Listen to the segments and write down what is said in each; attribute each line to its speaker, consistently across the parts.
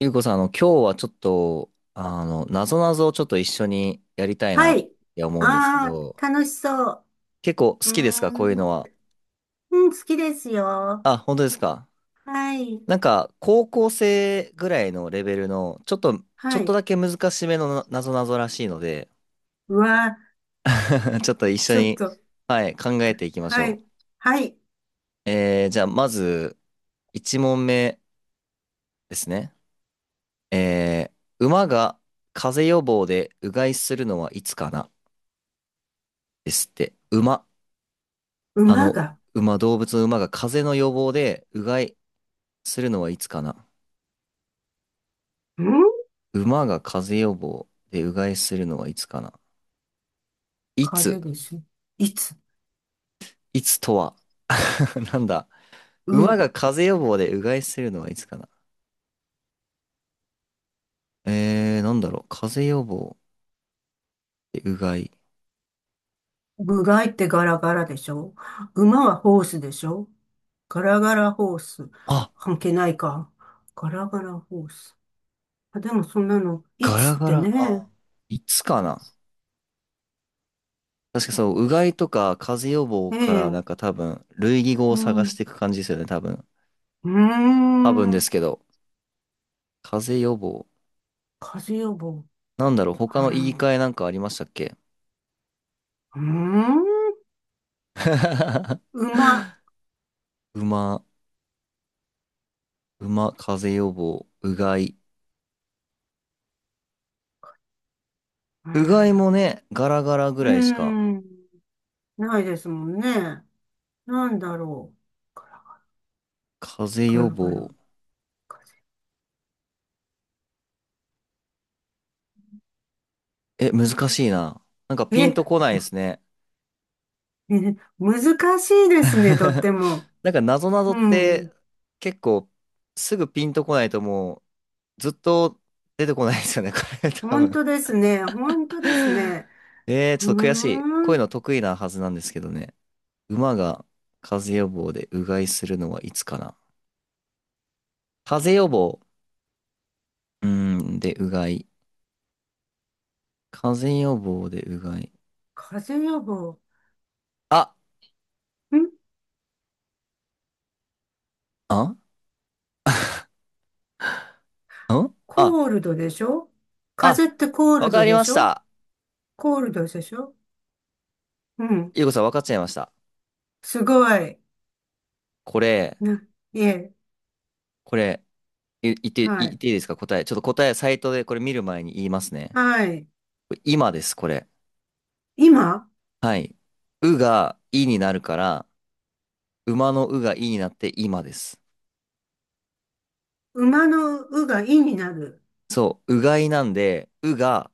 Speaker 1: ゆうこさん、今日はちょっと、なぞなぞをちょっと一緒にやりたいな
Speaker 2: は
Speaker 1: っ
Speaker 2: い。
Speaker 1: て思うんですけ
Speaker 2: あ
Speaker 1: ど、
Speaker 2: あ、楽しそう。
Speaker 1: 結構好
Speaker 2: う
Speaker 1: きです
Speaker 2: ー
Speaker 1: かこういう
Speaker 2: ん。
Speaker 1: のは。
Speaker 2: うん、好きですよ。
Speaker 1: あ、本当ですか？
Speaker 2: はい。
Speaker 1: なんか、高校生ぐらいのレベルの、ちょっと、ち
Speaker 2: は
Speaker 1: ょっと
Speaker 2: い。
Speaker 1: だけ難しめのぞなぞらしいので、
Speaker 2: うわー、
Speaker 1: ちょっと一緒
Speaker 2: ちょっ
Speaker 1: に、
Speaker 2: と。
Speaker 1: はい、考えていきまし
Speaker 2: は
Speaker 1: ょ
Speaker 2: い。はい。
Speaker 1: う。えー、じゃあ、まず、1問目ですね。えー、馬が風邪予防でうがいするのはいつかな、ですって。馬。あ
Speaker 2: 馬
Speaker 1: の、
Speaker 2: が。
Speaker 1: 馬、動物の馬が風邪の予防で、うがいするのはいつかな？
Speaker 2: ん
Speaker 1: 馬が風邪予防でうがいするのはいつかな？い
Speaker 2: 風
Speaker 1: つ？
Speaker 2: でしょ？いつ
Speaker 1: いつとは？ なんだ、
Speaker 2: う、
Speaker 1: 馬が風邪予防でうがいするのはいつかな？えー、なんだろう、風邪予防でうがい。
Speaker 2: 部外ってガラガラでしょ？馬はホースでしょ？ガラガラホース。
Speaker 1: あ、
Speaker 2: 関係ないか。ガラガラホース。あ、でもそんなの、い
Speaker 1: ガラ
Speaker 2: つっ
Speaker 1: ガ
Speaker 2: て
Speaker 1: ラ。あ、
Speaker 2: ね。
Speaker 1: いつかな？確かそう、うがいとか風邪予防
Speaker 2: え
Speaker 1: からなんか
Speaker 2: え。
Speaker 1: 多分、類義語を
Speaker 2: う
Speaker 1: 探
Speaker 2: ん。
Speaker 1: し
Speaker 2: う
Speaker 1: ていく感じですよね、多分。
Speaker 2: ー
Speaker 1: 多分ですけ
Speaker 2: ん。
Speaker 1: ど、風邪予防。
Speaker 2: 風邪予防。
Speaker 1: なんだろう、
Speaker 2: は
Speaker 1: 他の言い
Speaker 2: あ
Speaker 1: 換えなんかありましたっけ？
Speaker 2: うーん、馬。
Speaker 1: 馬、馬、風邪予防、うがい。
Speaker 2: うー
Speaker 1: うが
Speaker 2: ん、
Speaker 1: いもね、ガラガラぐ
Speaker 2: うー
Speaker 1: らいしか。
Speaker 2: んないですもんね。なんだろう。ガラ
Speaker 1: 風邪
Speaker 2: ガ
Speaker 1: 予
Speaker 2: ラガラ。
Speaker 1: 防。
Speaker 2: 風。
Speaker 1: え、難しいな。なんかピンと
Speaker 2: え、
Speaker 1: こないですね。
Speaker 2: ね、難しいですね、とって も。
Speaker 1: なんかなぞなぞ
Speaker 2: う
Speaker 1: っ
Speaker 2: ん。
Speaker 1: て結構すぐピンとこないとずっと出てこないですよね、これ多
Speaker 2: 本
Speaker 1: 分。
Speaker 2: 当ですね。本当ですね。
Speaker 1: えー、
Speaker 2: う
Speaker 1: ちょっと悔しい。
Speaker 2: ー
Speaker 1: こうい
Speaker 2: ん。
Speaker 1: うの得意なはずなんですけどね。馬が風邪予防でうがいするのはいつかな。風邪予防。うーん、で、うがい。風邪予防でうがい。
Speaker 2: 風邪予防。
Speaker 1: あ、
Speaker 2: ん
Speaker 1: あ、んあ、
Speaker 2: コールドでしょ？風
Speaker 1: あ、
Speaker 2: 邪ってコー
Speaker 1: わ
Speaker 2: ル
Speaker 1: か
Speaker 2: ド
Speaker 1: り
Speaker 2: で
Speaker 1: ま
Speaker 2: し
Speaker 1: し
Speaker 2: ょ？
Speaker 1: た。
Speaker 2: コールドでしょ？うん。
Speaker 1: ゆうこさん、わかっちゃいました。
Speaker 2: すごい。
Speaker 1: これ、
Speaker 2: な、いえ。
Speaker 1: これ、言って、
Speaker 2: は
Speaker 1: 言
Speaker 2: い。
Speaker 1: っていいですか、答え。ちょっと答え、サイトでこれ見る前に言いますね。
Speaker 2: はい。
Speaker 1: これ今です、これ。
Speaker 2: 今。
Speaker 1: はい。うがいになるから、馬のうがいになって今です。
Speaker 2: 馬のうがいになる。
Speaker 1: そう、うがいなんで、うが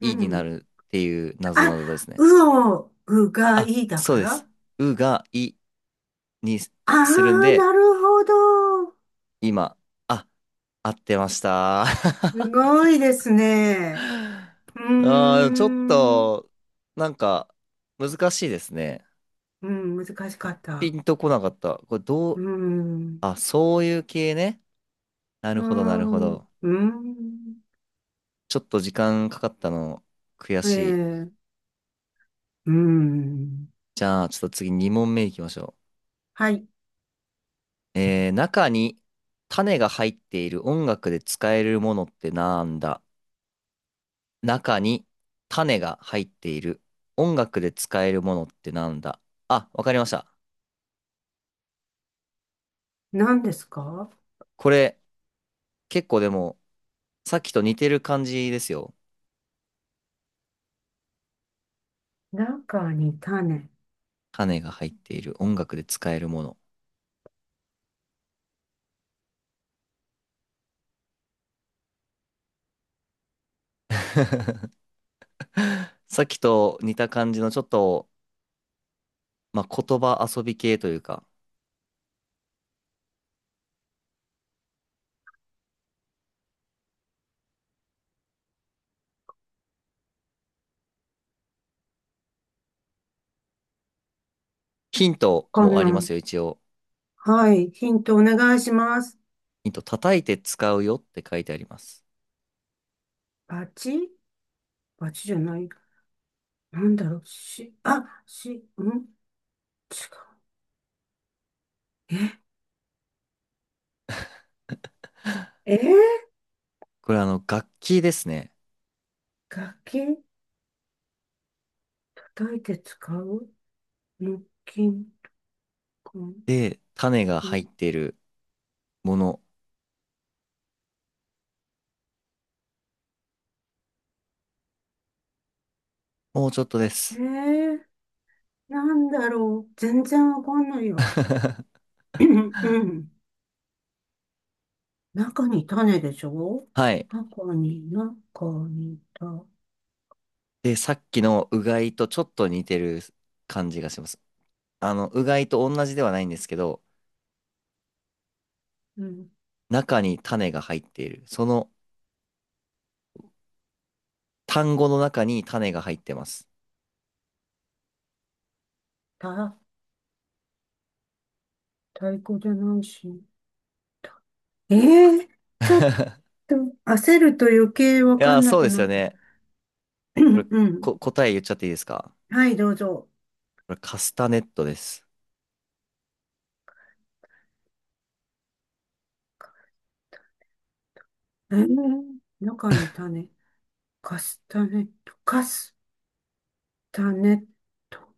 Speaker 2: う
Speaker 1: いにな
Speaker 2: ん。
Speaker 1: るっていう謎
Speaker 2: あ、
Speaker 1: 々ですね。
Speaker 2: うをうが
Speaker 1: あ、
Speaker 2: いだ
Speaker 1: そ
Speaker 2: か
Speaker 1: うで
Speaker 2: ら、
Speaker 1: す。うがいに
Speaker 2: あ
Speaker 1: するん
Speaker 2: あ
Speaker 1: で、
Speaker 2: なるほど。
Speaker 1: 今、あ、合ってました。
Speaker 2: す
Speaker 1: あ
Speaker 2: ごいですね。うー
Speaker 1: ー、でもちょっ
Speaker 2: ん。
Speaker 1: と、なんか、難しいですね。
Speaker 2: うん、難しかっ
Speaker 1: ピ
Speaker 2: た。
Speaker 1: ンとこなかった。これど
Speaker 2: う
Speaker 1: う、
Speaker 2: ーん。
Speaker 1: あ、そういう系ね。な
Speaker 2: う
Speaker 1: る
Speaker 2: ー
Speaker 1: ほど、なるほ
Speaker 2: ん。う
Speaker 1: ど。
Speaker 2: ーん。
Speaker 1: ちょっと時間かかったの、悔
Speaker 2: え
Speaker 1: しい。
Speaker 2: え。うーん。
Speaker 1: じゃあ、ちょっと次2問目いきましょ
Speaker 2: はい。
Speaker 1: う。えー、中に種が入っている音楽で使えるものってなんだ？中に種が入っている音楽で使えるものってなんだ？あ、わかりました。
Speaker 2: 何ですか？
Speaker 1: これ、結構でも、さっきと似てる感じですよ。
Speaker 2: 中に種。
Speaker 1: 種が入っている音楽で使えるもの。さっきと似た感じのちょっと、まあ、言葉遊び系というか、ヒント
Speaker 2: か
Speaker 1: もありま
Speaker 2: な。
Speaker 1: すよ、一応。
Speaker 2: はい。ヒントお願いします。
Speaker 1: ヒント、叩いて使うよって書いてあります。
Speaker 2: バチ、バチじゃない。なんだろう、し、あ、し、ん違う。え、えー、
Speaker 1: これあの、楽器ですね。
Speaker 2: 楽器。叩いて使う。木琴、こん
Speaker 1: で、種が
Speaker 2: う
Speaker 1: 入っているもの。もうちょっとで
Speaker 2: え
Speaker 1: す。
Speaker 2: ー、なんだろう。全然わかんないよ。うんうん。中に種でしょ？
Speaker 1: はい。
Speaker 2: 箱に、中に、
Speaker 1: で、さっきのうがいとちょっと似てる感じがします。あの、うがいと同じではないんですけど、
Speaker 2: うん、
Speaker 1: 中に種が入っている。その単語の中に種が入ってます。
Speaker 2: た、太鼓じゃないし。えー、ちょっと焦ると余計わ
Speaker 1: い
Speaker 2: か
Speaker 1: やー、
Speaker 2: んな
Speaker 1: そう
Speaker 2: く
Speaker 1: です
Speaker 2: な
Speaker 1: よ
Speaker 2: った。
Speaker 1: ね。
Speaker 2: う
Speaker 1: これ、
Speaker 2: んうん。
Speaker 1: 答え言っちゃっていいですか？
Speaker 2: はい、どうぞ。
Speaker 1: これ、カスタネットです。
Speaker 2: えー、中に種。カスタネット、カスタネット、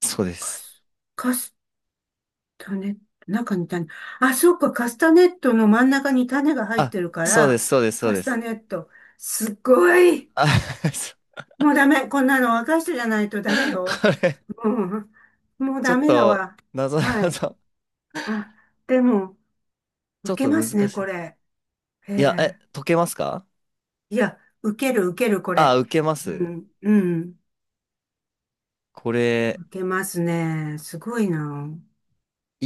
Speaker 1: そう
Speaker 2: え
Speaker 1: で
Speaker 2: カ
Speaker 1: す。
Speaker 2: ス、カスタネット、中に種。あ、そうか、カスタネットの真ん中に種が入っ
Speaker 1: あ、
Speaker 2: てるか
Speaker 1: そうで
Speaker 2: ら、
Speaker 1: す、そうです、そう
Speaker 2: カ
Speaker 1: で
Speaker 2: スタ
Speaker 1: す。
Speaker 2: ネット。すっごい。
Speaker 1: あ、そう、
Speaker 2: もうダメ。こんなの若い人じゃないとダメよ。
Speaker 1: これ、
Speaker 2: うん。もう
Speaker 1: ちょ
Speaker 2: ダ
Speaker 1: っ
Speaker 2: メだ
Speaker 1: と、
Speaker 2: わ。
Speaker 1: なぞ
Speaker 2: は
Speaker 1: な
Speaker 2: い。
Speaker 1: ぞ、
Speaker 2: あ、でも、
Speaker 1: ちょ
Speaker 2: 受
Speaker 1: っ
Speaker 2: け
Speaker 1: と
Speaker 2: ま
Speaker 1: 難
Speaker 2: すね、
Speaker 1: し
Speaker 2: こ
Speaker 1: い。
Speaker 2: れ。え
Speaker 1: いや、え、
Speaker 2: え。
Speaker 1: 解けますか？
Speaker 2: いや、受ける、受ける、こ
Speaker 1: あ、
Speaker 2: れ。
Speaker 1: 受けま
Speaker 2: う
Speaker 1: す。
Speaker 2: ん、うん。
Speaker 1: これ、
Speaker 2: 受けますね。すごいな。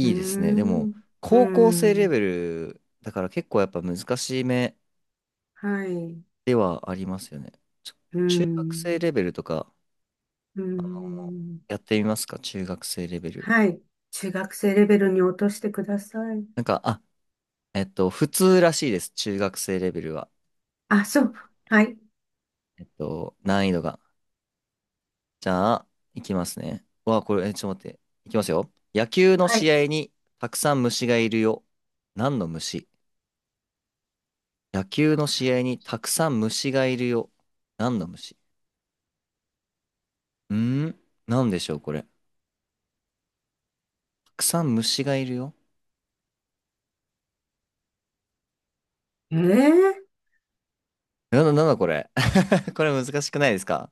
Speaker 2: うー
Speaker 1: いですね。で
Speaker 2: ん。
Speaker 1: も、
Speaker 2: うー
Speaker 1: 高校生レ
Speaker 2: ん。
Speaker 1: ベルだから結構やっぱ難しめ
Speaker 2: はい。う
Speaker 1: ではありますよね。ちょ
Speaker 2: ー
Speaker 1: 中学生
Speaker 2: ん。
Speaker 1: レベルとか、
Speaker 2: うーん。
Speaker 1: やってみますか、中学生レベル。
Speaker 2: はい。中学生レベルに落としてください。
Speaker 1: なんか、あ、えっと、普通らしいです。中学生レベルは。
Speaker 2: あ、そう、はい、
Speaker 1: えっと、難易度が。じゃあ、いきますね。わ、これ、え、ちょっと待って。いきますよ。野球の
Speaker 2: は
Speaker 1: 試
Speaker 2: い。
Speaker 1: 合にたくさん虫がいるよ。何の虫？野球の試合にたくさん虫がいるよ。何の虫？うーん、何でしょう、これ。たくさん虫がいるよ。
Speaker 2: ええ、
Speaker 1: なんだ、なんだこれ。これ難しくないですか？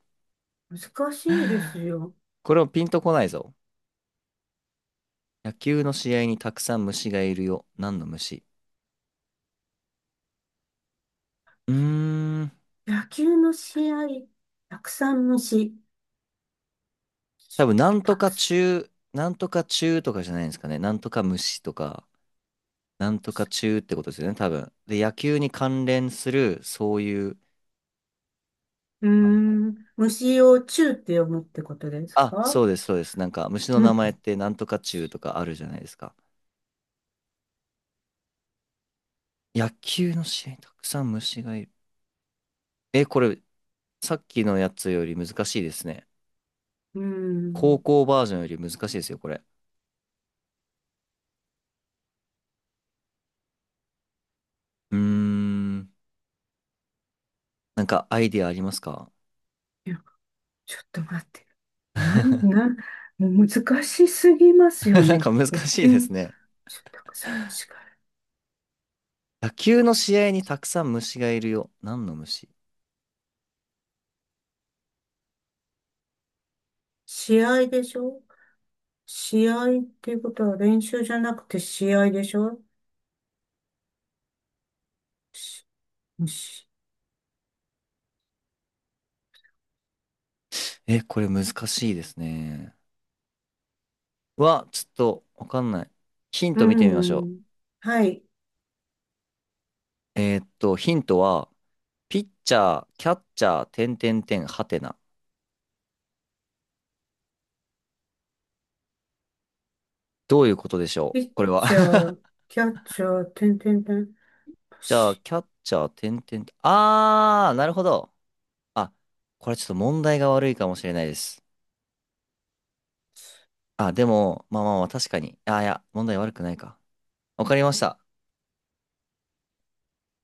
Speaker 2: 難しいですよ。
Speaker 1: これもピンとこないぞ。野球の試合にたくさん虫がいるよ。何の虫？うーん。
Speaker 2: 野球の試合、たくさん虫、
Speaker 1: 多分、なん
Speaker 2: た
Speaker 1: と
Speaker 2: く
Speaker 1: か
Speaker 2: さ
Speaker 1: 中、なんとか中とかじゃないんですかね。なんとか虫とか、なんとか中ってことですよね、多分。で、野球に関連する、そういう、
Speaker 2: ん。虫を虫って読むってことです
Speaker 1: あ、
Speaker 2: か？
Speaker 1: そうです、そうです。なんか、虫の
Speaker 2: う
Speaker 1: 名
Speaker 2: ん、
Speaker 1: 前ってなんとか中とかあるじゃないですか。野球の試合にたくさん虫がいる。え、これ、さっきのやつより難しいですね。
Speaker 2: うー
Speaker 1: 高
Speaker 2: ん。
Speaker 1: 校バージョンより難しいですよ、これ。うーん。なんか、アイディアありますか？
Speaker 2: ちょっと待って。なん、な ん、もう難しすぎますよ
Speaker 1: なん
Speaker 2: ね。
Speaker 1: か難
Speaker 2: 野
Speaker 1: し
Speaker 2: 球、
Speaker 1: いですね。
Speaker 2: ちょっとたくさん違う。
Speaker 1: 野球の試合にたくさん虫がいるよ。何の虫？
Speaker 2: 試合でしょ？試合っていうことは練習じゃなくて試合でしょ？し、し、
Speaker 1: え、これ難しいですね。は、ちょっとわかんない。ヒン
Speaker 2: う
Speaker 1: ト見てみましょ
Speaker 2: ん。はい。
Speaker 1: う。えーっと、ヒントは、ピッチャー、キャッチャー、点点点、はてな。どういうことでしょ
Speaker 2: ピ
Speaker 1: う、
Speaker 2: ッ
Speaker 1: これは？
Speaker 2: チャー、キャッチャー、てんてんてん。
Speaker 1: じゃあ、
Speaker 2: し、
Speaker 1: キャッチャー、点点点。あー、なるほど。あ、これちょっと問題が悪いかもしれないです。あ、でも、まあまあまあ、確かに。あ、いや、問題悪くないか。わかりました。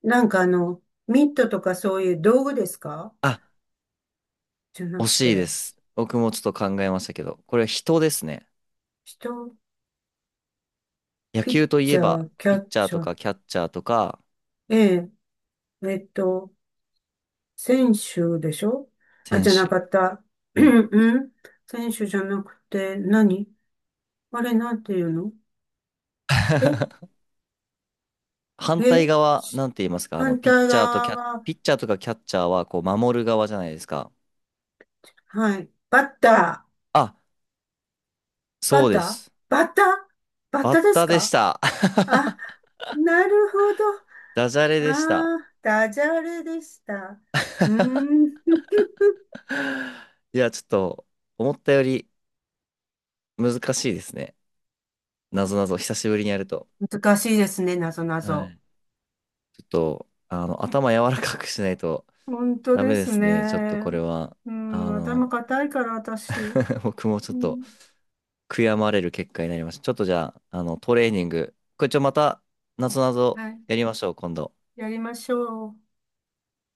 Speaker 2: なんか、ミットとかそういう道具ですか？
Speaker 1: あ、
Speaker 2: じゃな
Speaker 1: 惜
Speaker 2: く
Speaker 1: しいで
Speaker 2: て、
Speaker 1: す。僕もちょっと考えましたけど、これは人ですね。
Speaker 2: 人、
Speaker 1: 野
Speaker 2: ピッ
Speaker 1: 球とい
Speaker 2: チ
Speaker 1: え
Speaker 2: ャ
Speaker 1: ば、
Speaker 2: ー、キ
Speaker 1: ピ
Speaker 2: ャ
Speaker 1: ッ
Speaker 2: ッ
Speaker 1: チャー
Speaker 2: チ
Speaker 1: と
Speaker 2: ャー、
Speaker 1: かキャッチャーとか、
Speaker 2: ええ、えっと、選手でしょ？あ、
Speaker 1: 選
Speaker 2: じゃな
Speaker 1: 手。
Speaker 2: かった。
Speaker 1: はい。
Speaker 2: うん。選手じゃなくて何？あれなんていうの？え、
Speaker 1: 反
Speaker 2: え、
Speaker 1: 対側、
Speaker 2: し
Speaker 1: なんて言いますか、あの、
Speaker 2: 反対側は、
Speaker 1: ピッチャーとかキャッチャーは、こう、守る側じゃないですか。
Speaker 2: はい。バッター。
Speaker 1: あ、
Speaker 2: バッ
Speaker 1: そう
Speaker 2: タ
Speaker 1: で
Speaker 2: ー、
Speaker 1: す。
Speaker 2: バッター、バッ
Speaker 1: バ
Speaker 2: タ
Speaker 1: ッ
Speaker 2: ーです
Speaker 1: タでし
Speaker 2: か？
Speaker 1: た。
Speaker 2: あ、なるほど。
Speaker 1: ダジャレでした。
Speaker 2: ああ、ダジャレでした。うーん。
Speaker 1: いや、ちょっと、思ったより難しいですね。なぞなぞ、久しぶりにやると。
Speaker 2: 難しいですね、なぞな
Speaker 1: は
Speaker 2: ぞ。
Speaker 1: い。ちょっと、あの、頭柔らかくしないと
Speaker 2: 本当
Speaker 1: ダ
Speaker 2: で
Speaker 1: メで
Speaker 2: す
Speaker 1: すね。ちょっと
Speaker 2: ね。
Speaker 1: これは。
Speaker 2: う
Speaker 1: あ
Speaker 2: ん、頭
Speaker 1: の、
Speaker 2: 固いから私。
Speaker 1: 僕もちょ
Speaker 2: う
Speaker 1: っと
Speaker 2: ん。
Speaker 1: 悔やまれる結果になりました。ちょっとじゃあ、あの、トレーニング。これちょ、また、なぞなぞ
Speaker 2: はい。
Speaker 1: やりましょう、今度。
Speaker 2: やりましょう。